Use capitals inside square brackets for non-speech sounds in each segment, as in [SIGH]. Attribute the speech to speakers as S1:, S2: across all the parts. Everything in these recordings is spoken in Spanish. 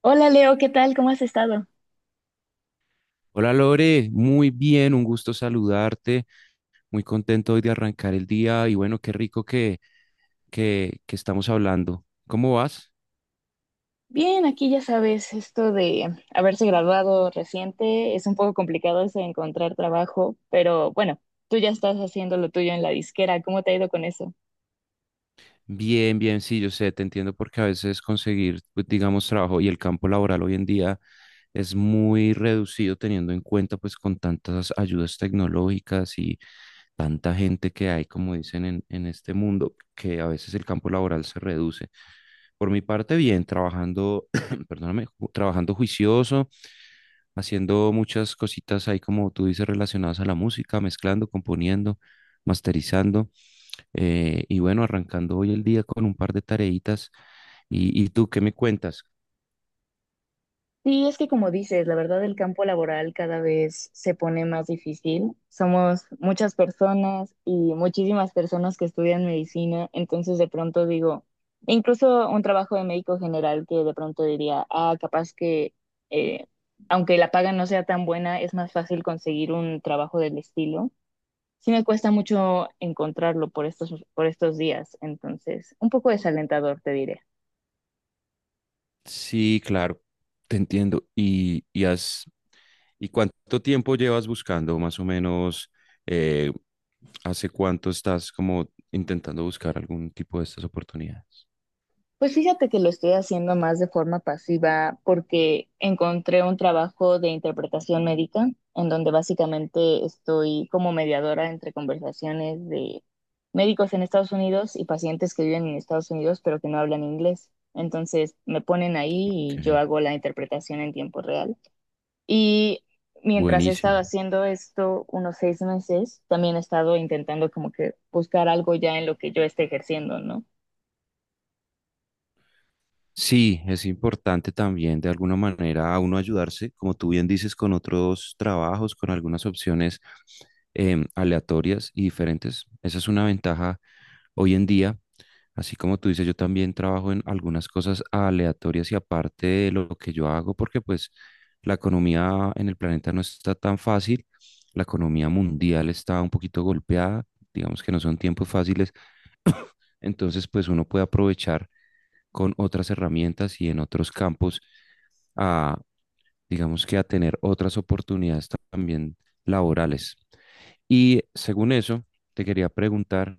S1: Hola Leo, ¿qué tal? ¿Cómo has estado?
S2: Hola Lore, muy bien, un gusto saludarte, muy contento hoy de arrancar el día y bueno, qué rico que estamos hablando. ¿Cómo vas?
S1: Bien, aquí ya sabes, esto de haberse graduado reciente es un poco complicado eso de encontrar trabajo, pero bueno, tú ya estás haciendo lo tuyo en la disquera, ¿cómo te ha ido con eso?
S2: Bien, bien, sí, yo sé, te entiendo porque a veces conseguir, pues, digamos, trabajo y el campo laboral hoy en día es muy reducido teniendo en cuenta pues con tantas ayudas tecnológicas y tanta gente que hay, como dicen en este mundo, que a veces el campo laboral se reduce. Por mi parte, bien, trabajando, [CLEARS THROAT] perdóname, trabajando juicioso, haciendo muchas cositas ahí, como tú dices, relacionadas a la música, mezclando, componiendo, masterizando, y bueno, arrancando hoy el día con un par de tareitas. ¿Y tú qué me cuentas?
S1: Sí, es que como dices, la verdad el campo laboral cada vez se pone más difícil. Somos muchas personas y muchísimas personas que estudian medicina, entonces de pronto digo, e incluso un trabajo de médico general que de pronto diría, ah, capaz que eh, aunque la paga no sea tan buena, es más fácil conseguir un trabajo del estilo. Sí me cuesta mucho encontrarlo por estos días, entonces un poco desalentador, te diré.
S2: Sí, claro, te entiendo. Y cuánto tiempo llevas buscando, más o menos, eh, hace cuánto estás como intentando buscar algún tipo de estas oportunidades?
S1: Pues fíjate que lo estoy haciendo más de forma pasiva porque encontré un trabajo de interpretación médica en donde básicamente estoy como mediadora entre conversaciones de médicos en Estados Unidos y pacientes que viven en Estados Unidos pero que no hablan inglés. Entonces me ponen ahí y yo
S2: Ok.
S1: hago la interpretación en tiempo real. Y mientras he estado
S2: Buenísimo.
S1: haciendo esto unos 6 meses, también he estado intentando como que buscar algo ya en lo que yo esté ejerciendo, ¿no?
S2: Sí, es importante también de alguna manera a uno ayudarse, como tú bien dices, con otros trabajos, con algunas opciones aleatorias y diferentes. Esa es una ventaja hoy en día. Así como tú dices, yo también trabajo en algunas cosas aleatorias y aparte de lo que yo hago, porque pues la economía en el planeta no está tan fácil. La economía mundial está un poquito golpeada. Digamos que no son tiempos fáciles. Entonces, pues uno puede aprovechar con otras herramientas y en otros campos a, digamos que a tener otras oportunidades también laborales. Y según eso, te quería preguntar,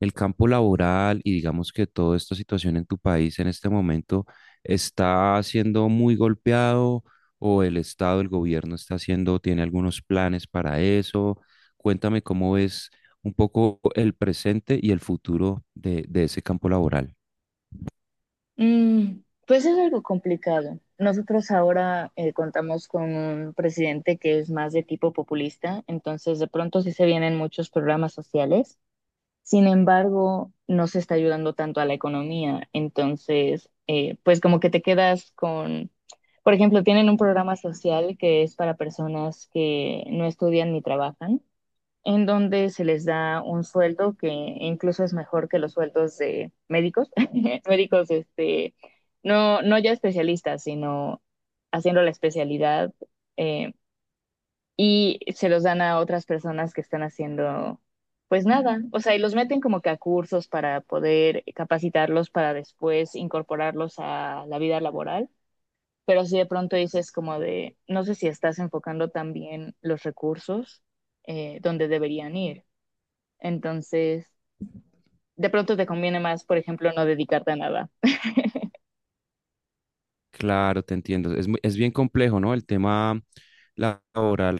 S2: el campo laboral y digamos que toda esta situación en tu país en este momento está siendo muy golpeado o el Estado, el gobierno está haciendo, tiene algunos planes para eso. Cuéntame cómo es un poco el presente y el futuro de ese campo laboral.
S1: Mm, pues es algo complicado. Nosotros ahora contamos con un presidente que es más de tipo populista, entonces de pronto sí se vienen muchos programas sociales. Sin embargo, no se está ayudando tanto a la economía, entonces pues como que te quedas con, por ejemplo, tienen un programa social que es para personas que no estudian ni trabajan en donde se les da un sueldo que incluso es mejor que los sueldos de médicos, [LAUGHS] médicos, este, no, no ya especialistas, sino haciendo la especialidad, eh, y se los dan a otras personas que están haciendo, pues nada, o sea, y los meten como que a cursos para poder capacitarlos para después incorporarlos a la vida laboral. Pero si de pronto dices como de, no sé si estás enfocando también los recursos donde deberían ir. Entonces, de pronto te conviene más, por ejemplo, no dedicarte a nada.
S2: Claro, te entiendo. Es, es bien complejo, ¿no? El tema laboral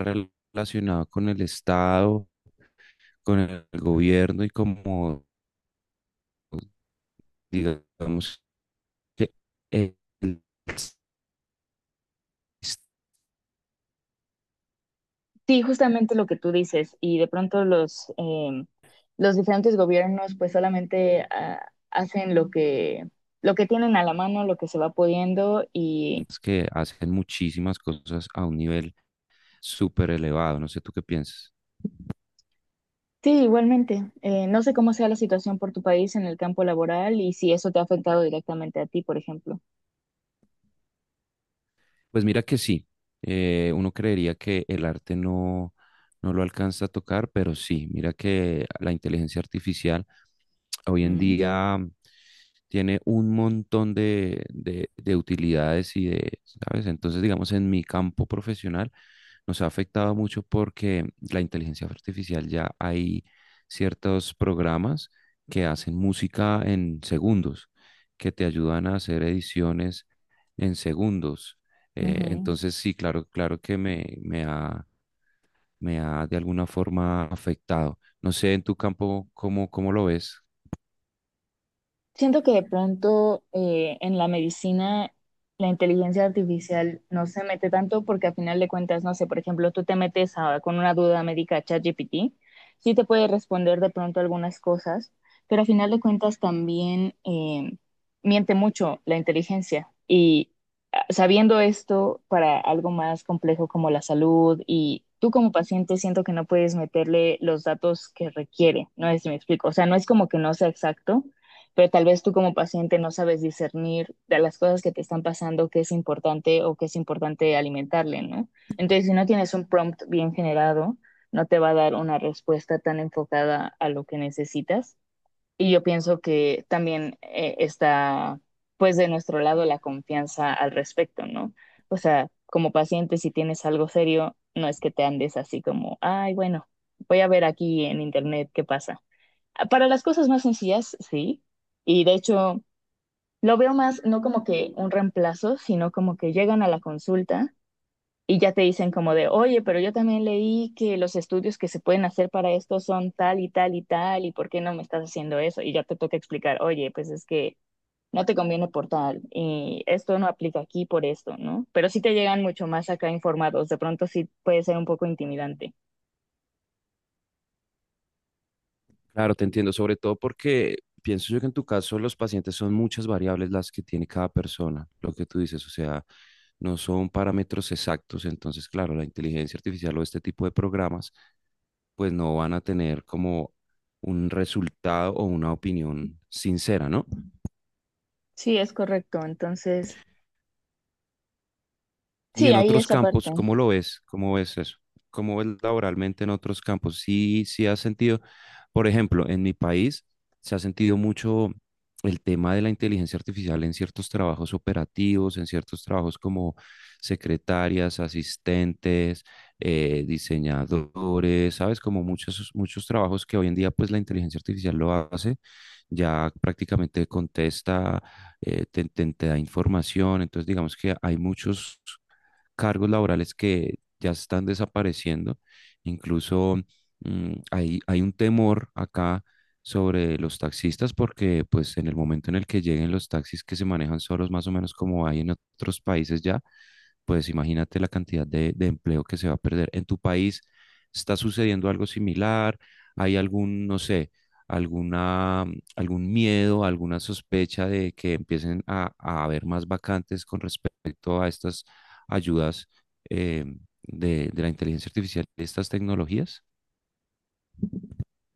S2: relacionado con el Estado, con el gobierno y como, digamos, que el-
S1: Sí, justamente lo que tú dices, y de pronto los los diferentes gobiernos pues solamente ah, hacen lo que tienen a la mano, lo que se va pudiendo y
S2: sistemas que hacen muchísimas cosas a un nivel súper elevado. No sé tú qué piensas.
S1: sí, igualmente, no sé cómo sea la situación por tu país en el campo laboral y si eso te ha afectado directamente a ti, por ejemplo.
S2: Pues mira que sí. Uno creería que el arte no, no lo alcanza a tocar, pero sí. Mira que la inteligencia artificial hoy en
S1: Mm,
S2: día tiene un montón de utilidades y de, ¿sabes? Entonces, digamos, en mi campo profesional nos ha afectado mucho porque la inteligencia artificial ya hay ciertos programas que hacen música en segundos, que te ayudan a hacer ediciones en segundos.
S1: ujú.
S2: Entonces, sí, claro, claro que me ha de alguna forma afectado. No sé, en tu campo, cómo lo ves?
S1: Siento que de pronto en la medicina la inteligencia artificial no se mete tanto porque a final de cuentas, no sé, por ejemplo, tú con una duda médica a ChatGPT, sí te puede responder de pronto algunas cosas, pero a final de cuentas también miente mucho la inteligencia. Y ah, sabiendo esto para algo más complejo como la salud y tú como paciente siento que no puedes meterle los datos que requiere, no es si me explico, o sea, no es como que no sea exacto pero tal vez tú como paciente no sabes discernir de las cosas que te están pasando, qué es importante o qué es importante alimentarle, ¿no? Entonces, si no tienes un prompt bien generado, no te va a dar una respuesta tan enfocada a lo que necesitas. Y yo pienso que también está, pues, de nuestro lado la confianza al respecto, ¿no? O sea, como paciente, si tienes algo serio, no es que te andes así como, ay, bueno, voy a ver aquí en internet qué pasa para las cosas más sencillas, sí. Y de hecho, lo veo más no como que un reemplazo, sino como que llegan a la consulta y ya te dicen como de, oye, pero yo también leí que los estudios que se pueden hacer para esto son tal y tal y tal, ¿y por qué no me estás haciendo eso? Y ya te toca explicar, oye, pues es que no te conviene por tal y esto no aplica aquí por esto, ¿no? Pero sí te llegan mucho más acá informados, de pronto sí puede ser un poco intimidante.
S2: Claro, te entiendo, sobre todo porque pienso yo que en tu caso los pacientes son muchas variables las que tiene cada persona, lo que tú dices, o sea, no son parámetros exactos, entonces, claro, la inteligencia artificial o este tipo de programas, pues no van a tener como un resultado o una opinión sincera, ¿no?
S1: Sí, es correcto. Entonces,
S2: Y
S1: sí,
S2: en
S1: ahí
S2: otros
S1: esa
S2: campos,
S1: parte.
S2: ¿cómo lo ves? ¿Cómo ves eso? ¿Cómo ves laboralmente en otros campos? Sí, sí has sentido, por ejemplo, en mi país se ha sentido mucho el tema de la inteligencia artificial en ciertos trabajos operativos, en ciertos trabajos como secretarias, asistentes, diseñadores, ¿sabes? Como muchos, muchos trabajos que hoy en día pues la inteligencia artificial lo hace, ya prácticamente contesta, te da información, entonces digamos que hay muchos cargos laborales que ya están desapareciendo. Incluso hay un temor acá sobre los taxistas porque pues en el momento en el que lleguen los taxis que se manejan solos más o menos como hay en otros países ya, pues imagínate la cantidad de empleo que se va a perder. ¿En tu país está sucediendo algo similar? ¿Hay algún, no sé, alguna, algún miedo, alguna sospecha de que empiecen a haber más vacantes con respecto a estas ayudas eh, de la inteligencia artificial, de estas tecnologías?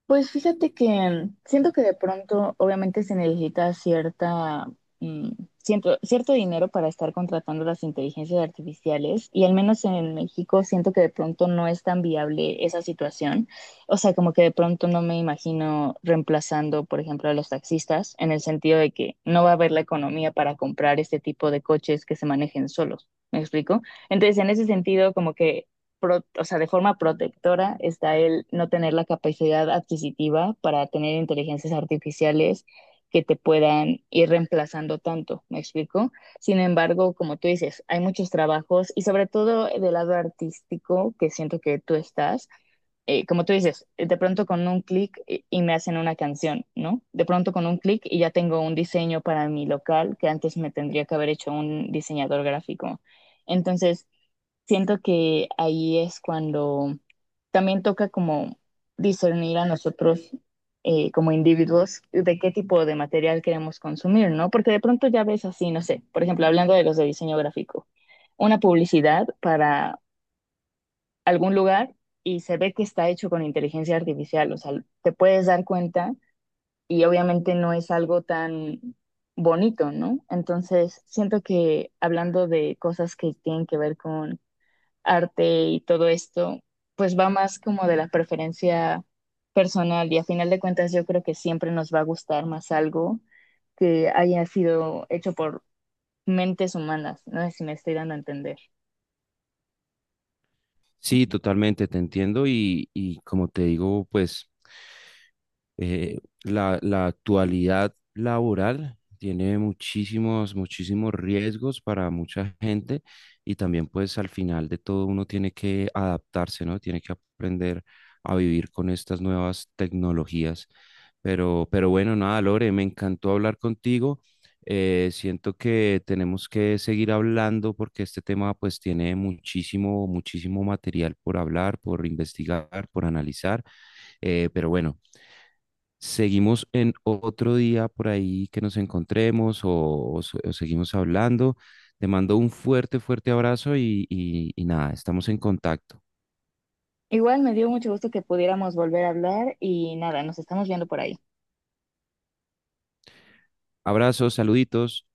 S1: Pues fíjate que siento que de pronto obviamente se necesita cierta, mm, cierto dinero para estar contratando las inteligencias artificiales y al menos en México siento que de pronto no es tan viable esa situación. O sea, como que de pronto no me imagino reemplazando, por ejemplo, a los taxistas en el sentido de que no va a haber la economía para comprar este tipo de coches que se manejen solos. ¿Me explico? Entonces, en ese sentido, como que o sea, de forma protectora está el no tener la capacidad adquisitiva para tener inteligencias artificiales que te puedan ir reemplazando tanto, ¿me explico? Sin embargo, como tú dices, hay muchos trabajos y sobre todo del lado artístico que siento que tú estás, como tú dices, de pronto con un clic y me hacen una canción, ¿no? De pronto con un clic y ya tengo un diseño para mi local que antes me tendría que haber hecho un diseñador gráfico. Entonces, siento que ahí es cuando también toca como discernir a nosotros como individuos de qué tipo de material queremos consumir, ¿no? Porque de pronto ya ves así, no sé, por ejemplo, hablando de los de diseño gráfico, una publicidad para algún lugar y se ve que está hecho con inteligencia artificial, o sea, te puedes dar cuenta y obviamente no es algo tan bonito, ¿no? Entonces, siento que hablando de cosas que tienen que ver con arte y todo esto, pues va más como de la preferencia personal y a final de cuentas yo creo que siempre nos va a gustar más algo que haya sido hecho por mentes humanas, no sé si me estoy dando a entender.
S2: Sí, totalmente, te entiendo y como te digo, pues la actualidad laboral tiene muchísimos, muchísimos riesgos para mucha gente y también pues al final de todo uno tiene que adaptarse, ¿no? Tiene que aprender a vivir con estas nuevas tecnologías. Pero bueno, nada, Lore, me encantó hablar contigo. Siento que tenemos que seguir hablando porque este tema pues tiene muchísimo, muchísimo material por hablar, por investigar, por analizar. Pero bueno, seguimos en otro día por ahí que nos encontremos o seguimos hablando. Te mando un fuerte, fuerte abrazo y nada, estamos en contacto.
S1: Igual me dio mucho gusto que pudiéramos volver a hablar y nada, nos estamos viendo por ahí.
S2: Abrazos, saluditos.